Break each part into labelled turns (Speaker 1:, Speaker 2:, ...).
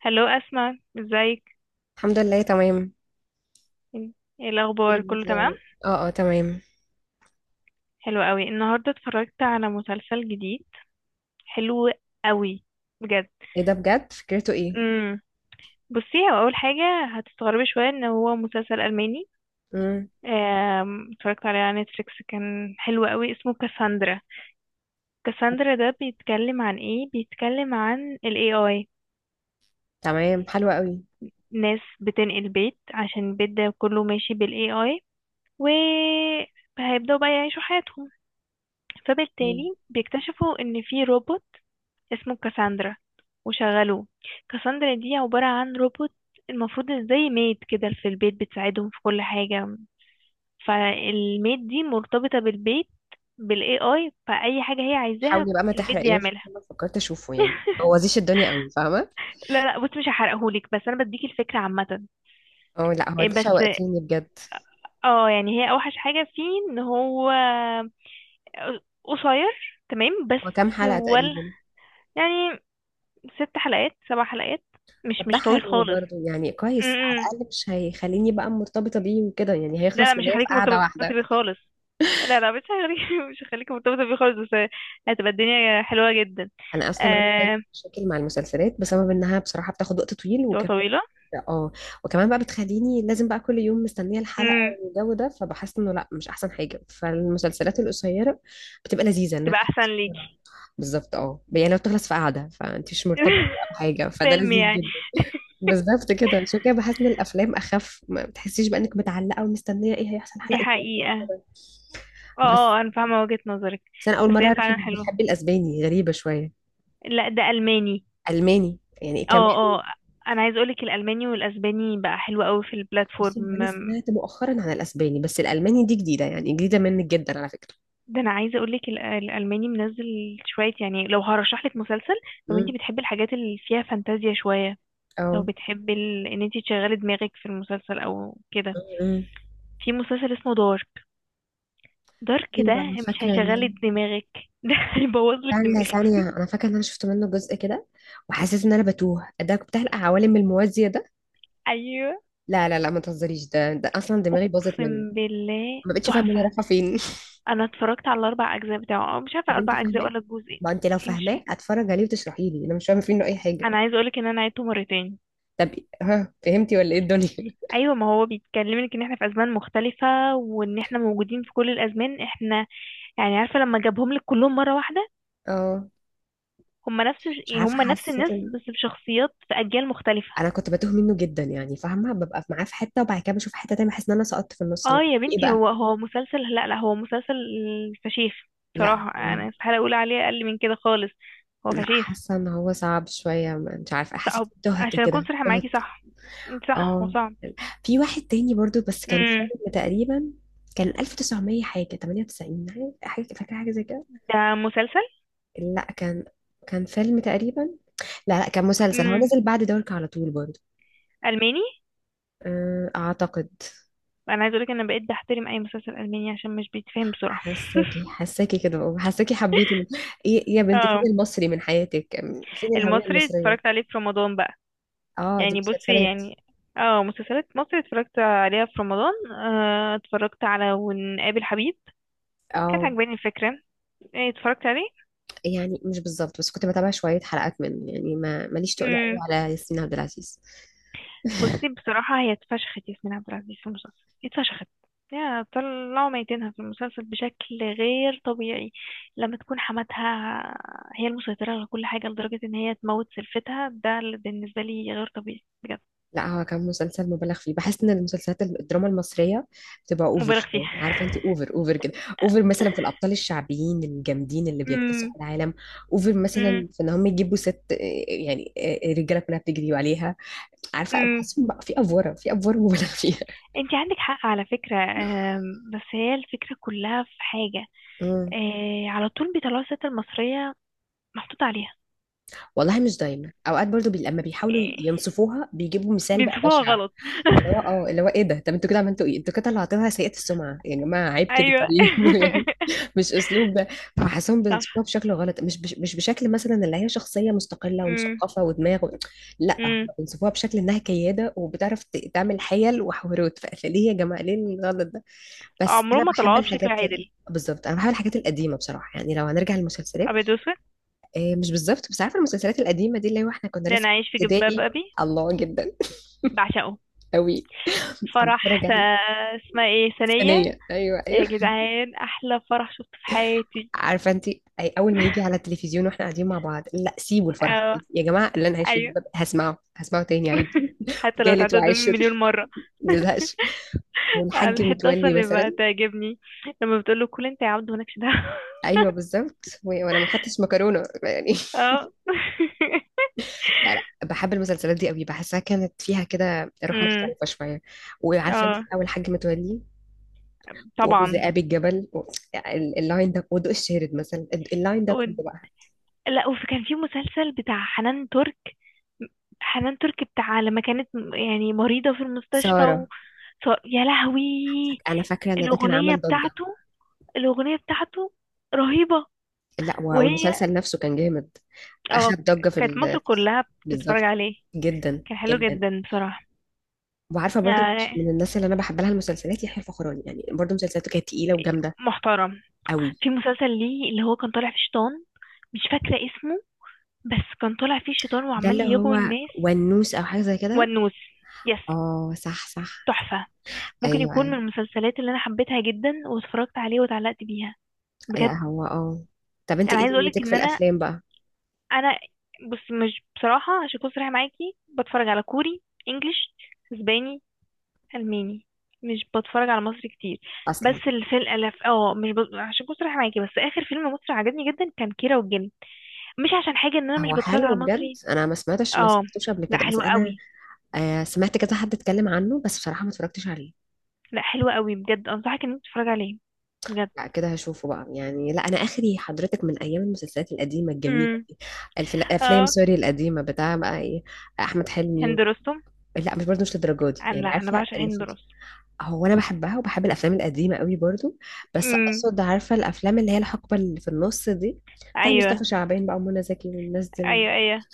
Speaker 1: هلو أسماء، ازيك؟
Speaker 2: الحمد لله تمام.
Speaker 1: ايه الأخبار،
Speaker 2: أكيد
Speaker 1: كله تمام؟
Speaker 2: يعني، اه تمام.
Speaker 1: حلو قوي. النهاردة اتفرجت على مسلسل جديد حلو قوي بجد.
Speaker 2: ايه ده بجد، فكرته ايه؟
Speaker 1: امم بصي، هو أول حاجة هتستغربي شوية ان هو مسلسل ألماني.
Speaker 2: امم
Speaker 1: اتفرجت عليه على نتفليكس، كان حلو قوي، اسمه كاساندرا. كاساندرا ده بيتكلم عن ايه؟ بيتكلم عن ال AI.
Speaker 2: تمام، حلوة قوي.
Speaker 1: ناس بتنقل بيت عشان البيت ده كله ماشي بال AI، و هيبدأوا بقى يعيشوا حياتهم،
Speaker 2: مم.
Speaker 1: فبالتالي بيكتشفوا إن في روبوت اسمه كاساندرا وشغلوه. كاساندرا دي عبارة عن روبوت، المفروض زي ميد كده في البيت، بتساعدهم في كل حاجة. فالميد دي مرتبطة بالبيت، بالاي اي، فأي حاجة هي عايزاها
Speaker 2: حاولي بقى ما
Speaker 1: البيت
Speaker 2: تحرقيهوش،
Speaker 1: بيعملها.
Speaker 2: عشان أنا فكرت اشوفه، يعني ما بوظيش الدنيا قوي، فاهمه.
Speaker 1: لا لا، بص مش هحرقهولك، بس انا بديك الفكرة عامة.
Speaker 2: اه لا، هو
Speaker 1: إيه
Speaker 2: ده
Speaker 1: بس.
Speaker 2: شوقتيني بجد.
Speaker 1: اه، يعني هي اوحش حاجة فيه ان هو قصير تمام،
Speaker 2: هو كام
Speaker 1: بس
Speaker 2: حلقة
Speaker 1: ولا
Speaker 2: تقريبا؟
Speaker 1: يعني. ست حلقات، سبع حلقات، مش
Speaker 2: طب ده
Speaker 1: مش طويل
Speaker 2: حلو
Speaker 1: خالص.
Speaker 2: برضه، يعني كويس، على
Speaker 1: امم
Speaker 2: الاقل مش هيخليني بقى مرتبطة بيه وكده، يعني
Speaker 1: لا لا،
Speaker 2: هيخلص
Speaker 1: مش
Speaker 2: معايا في
Speaker 1: هيخليك
Speaker 2: قعدة
Speaker 1: مرتبطة
Speaker 2: واحدة.
Speaker 1: بيه خالص. لا لا، مش هيخليك مش هيخليك مرتبطة بيه خالص، بس هتبقى الدنيا حلوة جدا.
Speaker 2: انا اصلا عندي دايماً
Speaker 1: آه...
Speaker 2: مشاكل مع المسلسلات بسبب انها بصراحه بتاخد وقت طويل،
Speaker 1: تبقى
Speaker 2: وكمان
Speaker 1: طويلة.
Speaker 2: اه، وكمان بقى بتخليني لازم بقى كل يوم مستنيه الحلقه
Speaker 1: امم
Speaker 2: والجو ده، فبحس انه لا، مش احسن حاجه، فالمسلسلات القصيره بتبقى لذيذه انها
Speaker 1: تبقى أحسن
Speaker 2: بتخلص بسرعه.
Speaker 1: ليكي.
Speaker 2: بالظبط اه، يعني لو بتخلص في قعده فانت مش مرتبطه بقى بحاجه، فده
Speaker 1: فيلم
Speaker 2: لذيذ
Speaker 1: يعني.
Speaker 2: جدا. بالظبط كده، عشان كده بحس ان الافلام اخف، ما بتحسيش بقى انك متعلقه ومستنيه ايه هيحصل
Speaker 1: دي
Speaker 2: الحلقه الجايه
Speaker 1: حقيقة.
Speaker 2: وكده.
Speaker 1: اه
Speaker 2: بس
Speaker 1: اه، أنا فاهمة وجهة نظرك.
Speaker 2: بس انا اول
Speaker 1: بس
Speaker 2: مره
Speaker 1: هي
Speaker 2: اعرف
Speaker 1: فعلا
Speaker 2: انك
Speaker 1: حلوة.
Speaker 2: بتحبي الاسباني، غريبه شويه.
Speaker 1: لا، ده ألماني.
Speaker 2: الماني يعني
Speaker 1: اه
Speaker 2: كمان.
Speaker 1: اه، أنا عايز أقولك الألماني والأسباني بقى حلو قوي في
Speaker 2: بصي هو
Speaker 1: البلاتفورم.
Speaker 2: انا سمعت مؤخرا عن الاسباني، بس الالماني دي جديده، يعني جديده منك جدا على فكره.
Speaker 1: ده انا عايزه اقول لك الالماني منزل شويه. يعني لو هرشح لك مسلسل، لو انت
Speaker 2: امم
Speaker 1: بتحبي الحاجات اللي فيها فانتازيا شويه، لو
Speaker 2: اه
Speaker 1: بتحبي ان انت تشغلي دماغك في المسلسل او كده،
Speaker 2: امم
Speaker 1: في مسلسل اسمه دارك. دارك ده
Speaker 2: ايوه انا
Speaker 1: مش
Speaker 2: فاكره ان انا
Speaker 1: هيشغلي دماغك ده هيبوظ لك
Speaker 2: ثانيه ثانيه،
Speaker 1: دماغك.
Speaker 2: انا فاكره ان انا شفت منه جزء كده، وحسيت ان انا بتوه، ده بتاع العوالم الموازيه ده.
Speaker 1: ايوه،
Speaker 2: لا لا لا، ما تهزريش، ده اصلا دماغي باظت منه،
Speaker 1: اقسم بالله
Speaker 2: ما بقتش فاهمه انا
Speaker 1: تحفه.
Speaker 2: رايحه فين.
Speaker 1: انا اتفرجت على الاربع اجزاء بتاعه، أو مش عارفه
Speaker 2: طب انت
Speaker 1: اربع اجزاء
Speaker 2: فاهماه؟
Speaker 1: ولا جزء.
Speaker 2: ما انت لو
Speaker 1: ايه؟ مش
Speaker 2: فاهماه
Speaker 1: فاهمه.
Speaker 2: اتفرج عليه وتشرحي لي، انا مش فاهمه فيه انه اي حاجه.
Speaker 1: انا عايزه اقول لك ان انا عيدته مرتين.
Speaker 2: طب، ها فهمتي ولا ايه الدنيا؟
Speaker 1: ايوه، ما هو بيتكلمك ان احنا في ازمان مختلفه، وان احنا موجودين في كل الازمان احنا. يعني عارفه لما جابهم لك كلهم مره واحده،
Speaker 2: اه
Speaker 1: هم نفس
Speaker 2: مش عارفه
Speaker 1: هم نفس
Speaker 2: حسيت.
Speaker 1: الناس بس بشخصيات في اجيال مختلفه.
Speaker 2: انا كنت بتوه منه جدا، يعني فاهمه ببقى معاه في حته وبعد كده بشوف حته تانية، بحس ان انا سقطت في النص.
Speaker 1: اه
Speaker 2: لا
Speaker 1: يا
Speaker 2: ايه
Speaker 1: بنتي،
Speaker 2: بقى؟
Speaker 1: هو مسلسل، لا لا هو مسلسل فشيخ.
Speaker 2: لا
Speaker 1: بصراحه انا استحاله اقول عليه اقل من كده خالص، هو
Speaker 2: لا،
Speaker 1: فشيخ.
Speaker 2: حاسه ان هو صعب شويه، مش عارفه حسيت
Speaker 1: صعب
Speaker 2: تهت
Speaker 1: عشان اكون
Speaker 2: كده
Speaker 1: صريحه معاكي،
Speaker 2: تهت.
Speaker 1: صح صح هو
Speaker 2: اه،
Speaker 1: صعب.
Speaker 2: في واحد تاني برضو بس كان
Speaker 1: امم
Speaker 2: فيلم تقريبا، كان 1900 حاجة 98 حاجة، فاكرة حاجة زي كده.
Speaker 1: ده مسلسل.
Speaker 2: لا كان، كان فيلم تقريبا، لا لا كان مسلسل، هو
Speaker 1: امم
Speaker 2: نزل بعد دورك على طول برضو.
Speaker 1: الماني.
Speaker 2: أعتقد.
Speaker 1: انا عايزه اقولك انا بقيت بحترم اي مسلسل الماني عشان مش بيتفهم بسرعه.
Speaker 2: حساكي حساكي كده والله، حساكي حبيته. ايه إيه يا بنتي، فين
Speaker 1: اه،
Speaker 2: المصري من حياتك؟ فين الهوية
Speaker 1: المصري
Speaker 2: المصرية؟
Speaker 1: اتفرجت عليه في رمضان بقى.
Speaker 2: اه دي
Speaker 1: يعني بصي
Speaker 2: مسلسلات.
Speaker 1: يعني. اه، مسلسلات مصري اتفرجت عليها في رمضان. اتفرجت على ونقابل حبيب، كانت
Speaker 2: اه
Speaker 1: عجباني الفكرة. إيه، اتفرجت عليه.
Speaker 2: يعني مش بالظبط، بس كنت بتابع شوية حلقات منه، يعني ما ماليش تقول قوي
Speaker 1: امم
Speaker 2: على ياسمين عبد العزيز.
Speaker 1: بصي بصراحة هي اتفشخت. ياسمين عبد العزيز في المسلسل اتفشخت، يا طلعوا ميتينها في المسلسل بشكل غير طبيعي. لما تكون حماتها هي المسيطرة على كل حاجة، لدرجة ان هي تموت سلفتها، ده بالنسبة لي غير طبيعي بجد.
Speaker 2: لا هو كان مسلسل مبالغ فيه، بحس ان المسلسلات الدراما المصريه بتبقى اوفر
Speaker 1: مبالغ
Speaker 2: شويه،
Speaker 1: فيها.
Speaker 2: عارفه انت، اوفر اوفر كده. اوفر مثلا في الابطال الشعبيين الجامدين اللي بيكتسحوا العالم. اوفر
Speaker 1: امم
Speaker 2: مثلا في ان هم يجيبوا ست يعني الرجاله كلها بتجري عليها، عارفه،
Speaker 1: امم
Speaker 2: بحسهم بقى في افوره، في افوره مبالغ فيها.
Speaker 1: انت عندك حق على فكرة. بس هي الفكرة كلها في حاجة.
Speaker 2: مم.
Speaker 1: على طول بيطلعوا الست المصرية محطوط عليها.
Speaker 2: والله مش دايما، اوقات برضو لما بيحاولوا
Speaker 1: آه،
Speaker 2: ينصفوها بيجيبوا مثال بقى
Speaker 1: بينصفوها
Speaker 2: بشع،
Speaker 1: غلط.
Speaker 2: اللي هو اه، اللي هو ايه ده، طب انتوا كده عملتوا ايه؟ انتوا كده طلعتوها سيئة السمعه يا جماعه، عيب كده
Speaker 1: ايوه.
Speaker 2: طيب يعني، مش اسلوب ده. فحاسهم
Speaker 1: صح.
Speaker 2: بينصفوها بشكل غلط، مش بشكل مثلا اللي هي شخصيه مستقله
Speaker 1: امم
Speaker 2: ومثقفه ودماغ و... لا هم
Speaker 1: امم
Speaker 2: بينصفوها بشكل انها كياده وبتعرف تعمل حيل وحوارات. فليه يا جماعه، ليه الغلط ده؟ بس انا
Speaker 1: عمرهم ما
Speaker 2: بحب
Speaker 1: طلعوها بشكل
Speaker 2: الحاجات
Speaker 1: عادل.
Speaker 2: ال- بالظبط، انا بحب الحاجات القديمه بصراحه، يعني لو هنرجع للمسلسلات.
Speaker 1: ابيض واسود،
Speaker 2: مش بالظبط، بس عارفه المسلسلات القديمه دي اللي هو احنا كنا
Speaker 1: لان
Speaker 2: لسه
Speaker 1: عايش في
Speaker 2: في
Speaker 1: جلباب
Speaker 2: ابتدائي.
Speaker 1: ابي
Speaker 2: الله، جدا
Speaker 1: بعشقه.
Speaker 2: قوي. عم
Speaker 1: فرح
Speaker 2: بتفرج
Speaker 1: س...
Speaker 2: عليه.
Speaker 1: اسمها ايه ثانية.
Speaker 2: ثانيه، ايوه
Speaker 1: يا
Speaker 2: ايوه.
Speaker 1: جدعان، احلى فرح شفته في حياتي.
Speaker 2: عارفه انت، أي اول ما يجي على التلفزيون واحنا قاعدين مع بعض، لا سيبوا الفرح
Speaker 1: اه،
Speaker 2: يا جماعه، اللي انا عايش فيه
Speaker 1: ايوه.
Speaker 2: جدا، هسمعه هسمعه تاني عادي
Speaker 1: حتى لو
Speaker 2: وتالت
Speaker 1: اتعدى قدامي
Speaker 2: وعاشر.
Speaker 1: مليون مرة.
Speaker 2: ما نزهقش. والحاج
Speaker 1: الحتة اصلا
Speaker 2: متولي
Speaker 1: اللي بقى
Speaker 2: مثلا،
Speaker 1: تعجبني لما بتقول له كل انت يا عبد مالكش دعوة.
Speaker 2: ايوه بالظبط. وانا ما خدتش مكرونه يعني
Speaker 1: اه.
Speaker 2: لا لا، بحب المسلسلات دي قوي، بحسها كانت فيها كده روح
Speaker 1: امم
Speaker 2: مختلفة شوية. وعارفة انت
Speaker 1: اه
Speaker 2: أول حاج متولي
Speaker 1: طبعا.
Speaker 2: وذئاب الجبل و... اللاين ده، وضوء الشارد مثلا، اللاين ده
Speaker 1: و...
Speaker 2: كله بقى.
Speaker 1: لا، وفي كان في مسلسل بتاع حنان ترك. حنان ترك بتاع لما كانت يعني مريضة في المستشفى
Speaker 2: سارة،
Speaker 1: يا لهوي.
Speaker 2: أنا فاكرة إن ده كان
Speaker 1: الأغنية
Speaker 2: عمل ضجة.
Speaker 1: بتاعته الأغنية بتاعته رهيبة.
Speaker 2: لا
Speaker 1: وهي
Speaker 2: والمسلسل نفسه كان جامد،
Speaker 1: اه،
Speaker 2: أخد ضجة
Speaker 1: كانت مصر كلها بتتفرج
Speaker 2: بالظبط،
Speaker 1: عليه.
Speaker 2: جدا
Speaker 1: كان حلو
Speaker 2: جدا.
Speaker 1: جدا بصراحة.
Speaker 2: وعارفة برضو
Speaker 1: آه،
Speaker 2: من الناس اللي أنا بحب لها المسلسلات يحيى الفخراني، يعني برضو مسلسلاته كانت تقيلة وجامدة
Speaker 1: محترم.
Speaker 2: قوي.
Speaker 1: في مسلسل ليه اللي هو كان طالع فيه شيطان، مش فاكرة اسمه، بس كان طالع فيه شيطان
Speaker 2: ده
Speaker 1: وعمال
Speaker 2: اللي
Speaker 1: يغوي
Speaker 2: هو
Speaker 1: الناس.
Speaker 2: ونوس أو حاجة زي كده.
Speaker 1: والنوس، يس.
Speaker 2: اه صح صح،
Speaker 1: تحفة. ممكن
Speaker 2: ايوه
Speaker 1: يكون من
Speaker 2: أيوه.
Speaker 1: المسلسلات اللي انا حبيتها جدا واتفرجت عليه واتعلقت بيها
Speaker 2: لا
Speaker 1: بجد.
Speaker 2: هو اه، طب انت
Speaker 1: انا
Speaker 2: ايه
Speaker 1: عايزة اقولك
Speaker 2: دنيتك في
Speaker 1: ان انا
Speaker 2: الافلام بقى؟
Speaker 1: انا بص، مش بصراحة عشان اكون صريحة معاكي بتفرج على كوري، انجليش، اسباني، الماني، مش بتفرج على مصري كتير.
Speaker 2: اصلا
Speaker 1: بس الفيلم الاف مش ب... عشان اكون صريحة معاكي، بس اخر فيلم مصري عجبني جدا كان كيرة والجن. مش عشان حاجة ان انا مش
Speaker 2: هو
Speaker 1: بتفرج على
Speaker 2: حلو بجد،
Speaker 1: مصري.
Speaker 2: انا ما سمعتش، ما
Speaker 1: اه
Speaker 2: سمعتوش قبل
Speaker 1: لا،
Speaker 2: كده، بس
Speaker 1: حلو
Speaker 2: انا
Speaker 1: قوي.
Speaker 2: آه سمعت كذا حد اتكلم عنه، بس بصراحه ما اتفرجتش عليه.
Speaker 1: لا حلو قوي بجد، انصحك انك تتفرج عليه بجد.
Speaker 2: لا كده هشوفه بقى يعني. لا انا اخري حضرتك من ايام المسلسلات القديمه الجميله
Speaker 1: امم
Speaker 2: دي. الافلام
Speaker 1: اه،
Speaker 2: سوري القديمه بتاع بقى ايه، احمد حلمي
Speaker 1: هند
Speaker 2: و...
Speaker 1: رستم.
Speaker 2: لا مش برضه مش للدرجه دي،
Speaker 1: انا،
Speaker 2: يعني
Speaker 1: لا، انا
Speaker 2: عارفه
Speaker 1: بعشق
Speaker 2: اللي
Speaker 1: هند
Speaker 2: في...
Speaker 1: رستم.
Speaker 2: هو انا بحبها وبحب الافلام القديمه قوي برضه، بس
Speaker 1: امم
Speaker 2: اقصد عارفه الافلام اللي هي الحقبه اللي في النص دي، بتاع
Speaker 1: ايوه
Speaker 2: مصطفى شعبان بقى ومنى زكي والناس دي،
Speaker 1: ايوه. ايوه،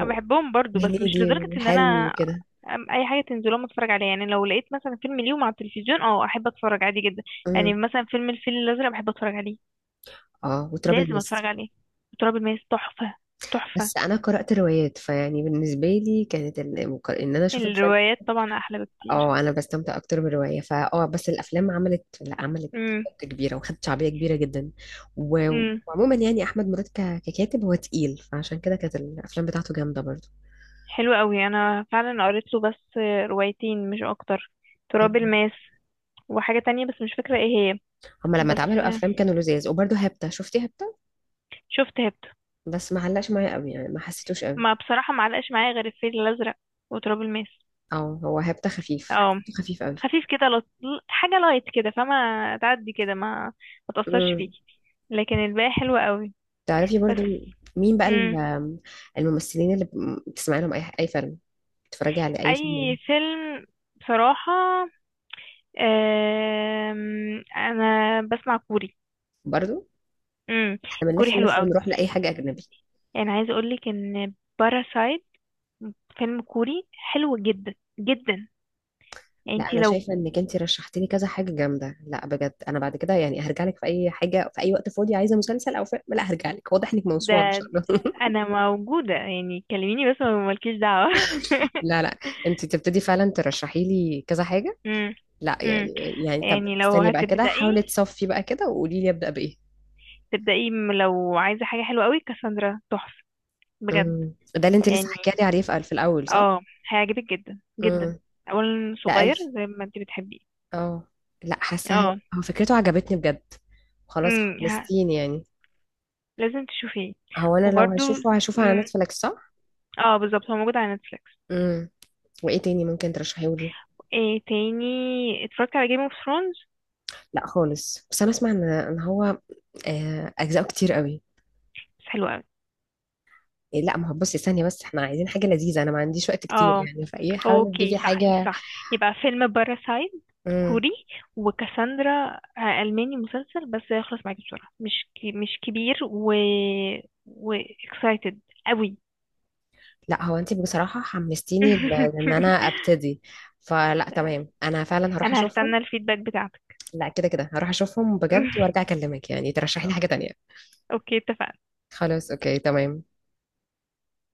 Speaker 1: أنا بحبهم برضو بس مش
Speaker 2: وهنيدي
Speaker 1: لدرجة ان
Speaker 2: وحلمي
Speaker 1: انا
Speaker 2: وكده.
Speaker 1: اي حاجة تنزل لهم اتفرج عليها. يعني لو لقيت مثلا فيلم ليهم على التلفزيون، احب اتفرج عادي جدا. يعني
Speaker 2: امم
Speaker 1: مثلا فيلم الفيل الازرق بحب اتفرج عليه.
Speaker 2: اه، وتراب
Speaker 1: لازم
Speaker 2: الماس.
Speaker 1: اتفرج عليه. تراب الماس، تحفة تحفة.
Speaker 2: بس انا قرأت روايات، فيعني بالنسبة لي كانت ان انا اشوف الفيلم.
Speaker 1: الروايات طبعا احلى بكتير.
Speaker 2: اه انا بستمتع اكتر بالرواية، فاه بس الافلام عملت، لا عملت ضجة كبيرة وخدت شعبية كبيرة جدا و...
Speaker 1: امم
Speaker 2: وعموما يعني احمد مراد ككاتب هو تقيل، فعشان كده كانت الافلام بتاعته جامدة برضه.
Speaker 1: حلو قوي، انا فعلا قريت له بس روايتين مش اكتر. تراب
Speaker 2: مم.
Speaker 1: الماس، وحاجة تانية بس مش فاكرة ايه هي.
Speaker 2: هما لما
Speaker 1: بس
Speaker 2: اتعملوا افلام كانوا لذاذ، وبرضه هبتة، شفتي هبتة؟
Speaker 1: شفت هبت.
Speaker 2: بس ما علقش معايا قوي يعني، ما حسيتوش قوي.
Speaker 1: ما بصراحة، ما علقش معايا غير الفيل الازرق وتراب الماس.
Speaker 2: اه هو هبتة خفيف،
Speaker 1: اه،
Speaker 2: حسيته خفيف
Speaker 1: خفيف كده، حاجة لايت كده، فما تعدي كده ما
Speaker 2: قوي.
Speaker 1: تأثرش فيكي. لكن الباقي حلو قوي.
Speaker 2: تعرفي
Speaker 1: بس.
Speaker 2: برضو، مين بقى
Speaker 1: مم.
Speaker 2: الممثلين اللي بتسمعي لهم اي اي فيلم، بتتفرجي على اي فيلم
Speaker 1: اي
Speaker 2: منهم؟
Speaker 1: فيلم بصراحة. انا بسمع كوري.
Speaker 2: برضو،
Speaker 1: امم
Speaker 2: احنا
Speaker 1: الكوري
Speaker 2: بنلف
Speaker 1: حلو
Speaker 2: نلف
Speaker 1: قوي.
Speaker 2: ونروح لاي حاجه اجنبي.
Speaker 1: يعني عايزة اقولك ان باراسايت فيلم كوري حلو جدا جدا. يعني
Speaker 2: لا
Speaker 1: انتي
Speaker 2: انا
Speaker 1: لو
Speaker 2: شايفه انك انت رشحتي لي كذا حاجه جامده، لا بجد انا بعد كده يعني هرجع لك في اي حاجه في اي وقت فاضي عايزه مسلسل او فيلم، لا هرجع لك، واضح انك
Speaker 1: ده.
Speaker 2: موسوعه ما شاء الله.
Speaker 1: انا موجودة يعني، كلميني بس ما مالكيش دعوة.
Speaker 2: لا لا، انت تبتدي فعلا ترشحي لي كذا حاجه.
Speaker 1: امم
Speaker 2: لا
Speaker 1: امم
Speaker 2: يعني، يعني طب
Speaker 1: يعني لو
Speaker 2: استني بقى كده،
Speaker 1: هتبدأي
Speaker 2: حاولي تصفي بقى كده وقولي لي ابدا بايه.
Speaker 1: تبدأي لو عايزة حاجة حلوة قوي، كاساندرا تحفة بجد.
Speaker 2: ده اللي انت لسه
Speaker 1: يعني،
Speaker 2: حكيتي عليه في الاول صح؟
Speaker 1: اه، هيعجبك جدا جدا.
Speaker 2: امم
Speaker 1: اولا
Speaker 2: لا
Speaker 1: صغير زي ما انتي بتحبيه.
Speaker 2: اه لا حاساها.
Speaker 1: اه،
Speaker 2: هو فكرته عجبتني بجد، خلاص
Speaker 1: امم ه-
Speaker 2: خلصتيني يعني.
Speaker 1: لازم تشوفيه.
Speaker 2: هو انا لو
Speaker 1: وبرده،
Speaker 2: هشوفه هشوفه على
Speaker 1: امم
Speaker 2: نتفليكس صح؟
Speaker 1: اه بالظبط هو موجود على نتفليكس.
Speaker 2: امم، وايه تاني ممكن ترشحيهولي؟
Speaker 1: ايه تاني؟ اتفرجت على جيم اوف ثرونز،
Speaker 2: لا خالص، بس انا اسمع ان هو اجزاءه كتير قوي.
Speaker 1: بس حلو قوي.
Speaker 2: لا ما هو بصي ثانيه، بس احنا عايزين حاجه لذيذه، انا ما عنديش وقت كتير
Speaker 1: اه،
Speaker 2: يعني، فايه حاولي
Speaker 1: اوكي.
Speaker 2: تجيبي
Speaker 1: صح، انت
Speaker 2: حاجه.
Speaker 1: صح. يبقى فيلم باراسايت
Speaker 2: امم،
Speaker 1: كوري، وكاساندرا ألماني، مسلسل بس يخلص معاكي بسرعة، مش كي مش كبير، و و excited قوي.
Speaker 2: لا هو انت بصراحه حمستيني لان انا ابتدي، فلا تمام انا فعلا هروح
Speaker 1: انا
Speaker 2: اشوفهم.
Speaker 1: هستنى الفيدباك بتاعتك.
Speaker 2: لا كده كده هروح اشوفهم بجد وارجع اكلمك، يعني ترشحي لي حاجه تانية.
Speaker 1: اوكي، اتفقنا.
Speaker 2: خلاص أوكي تمام.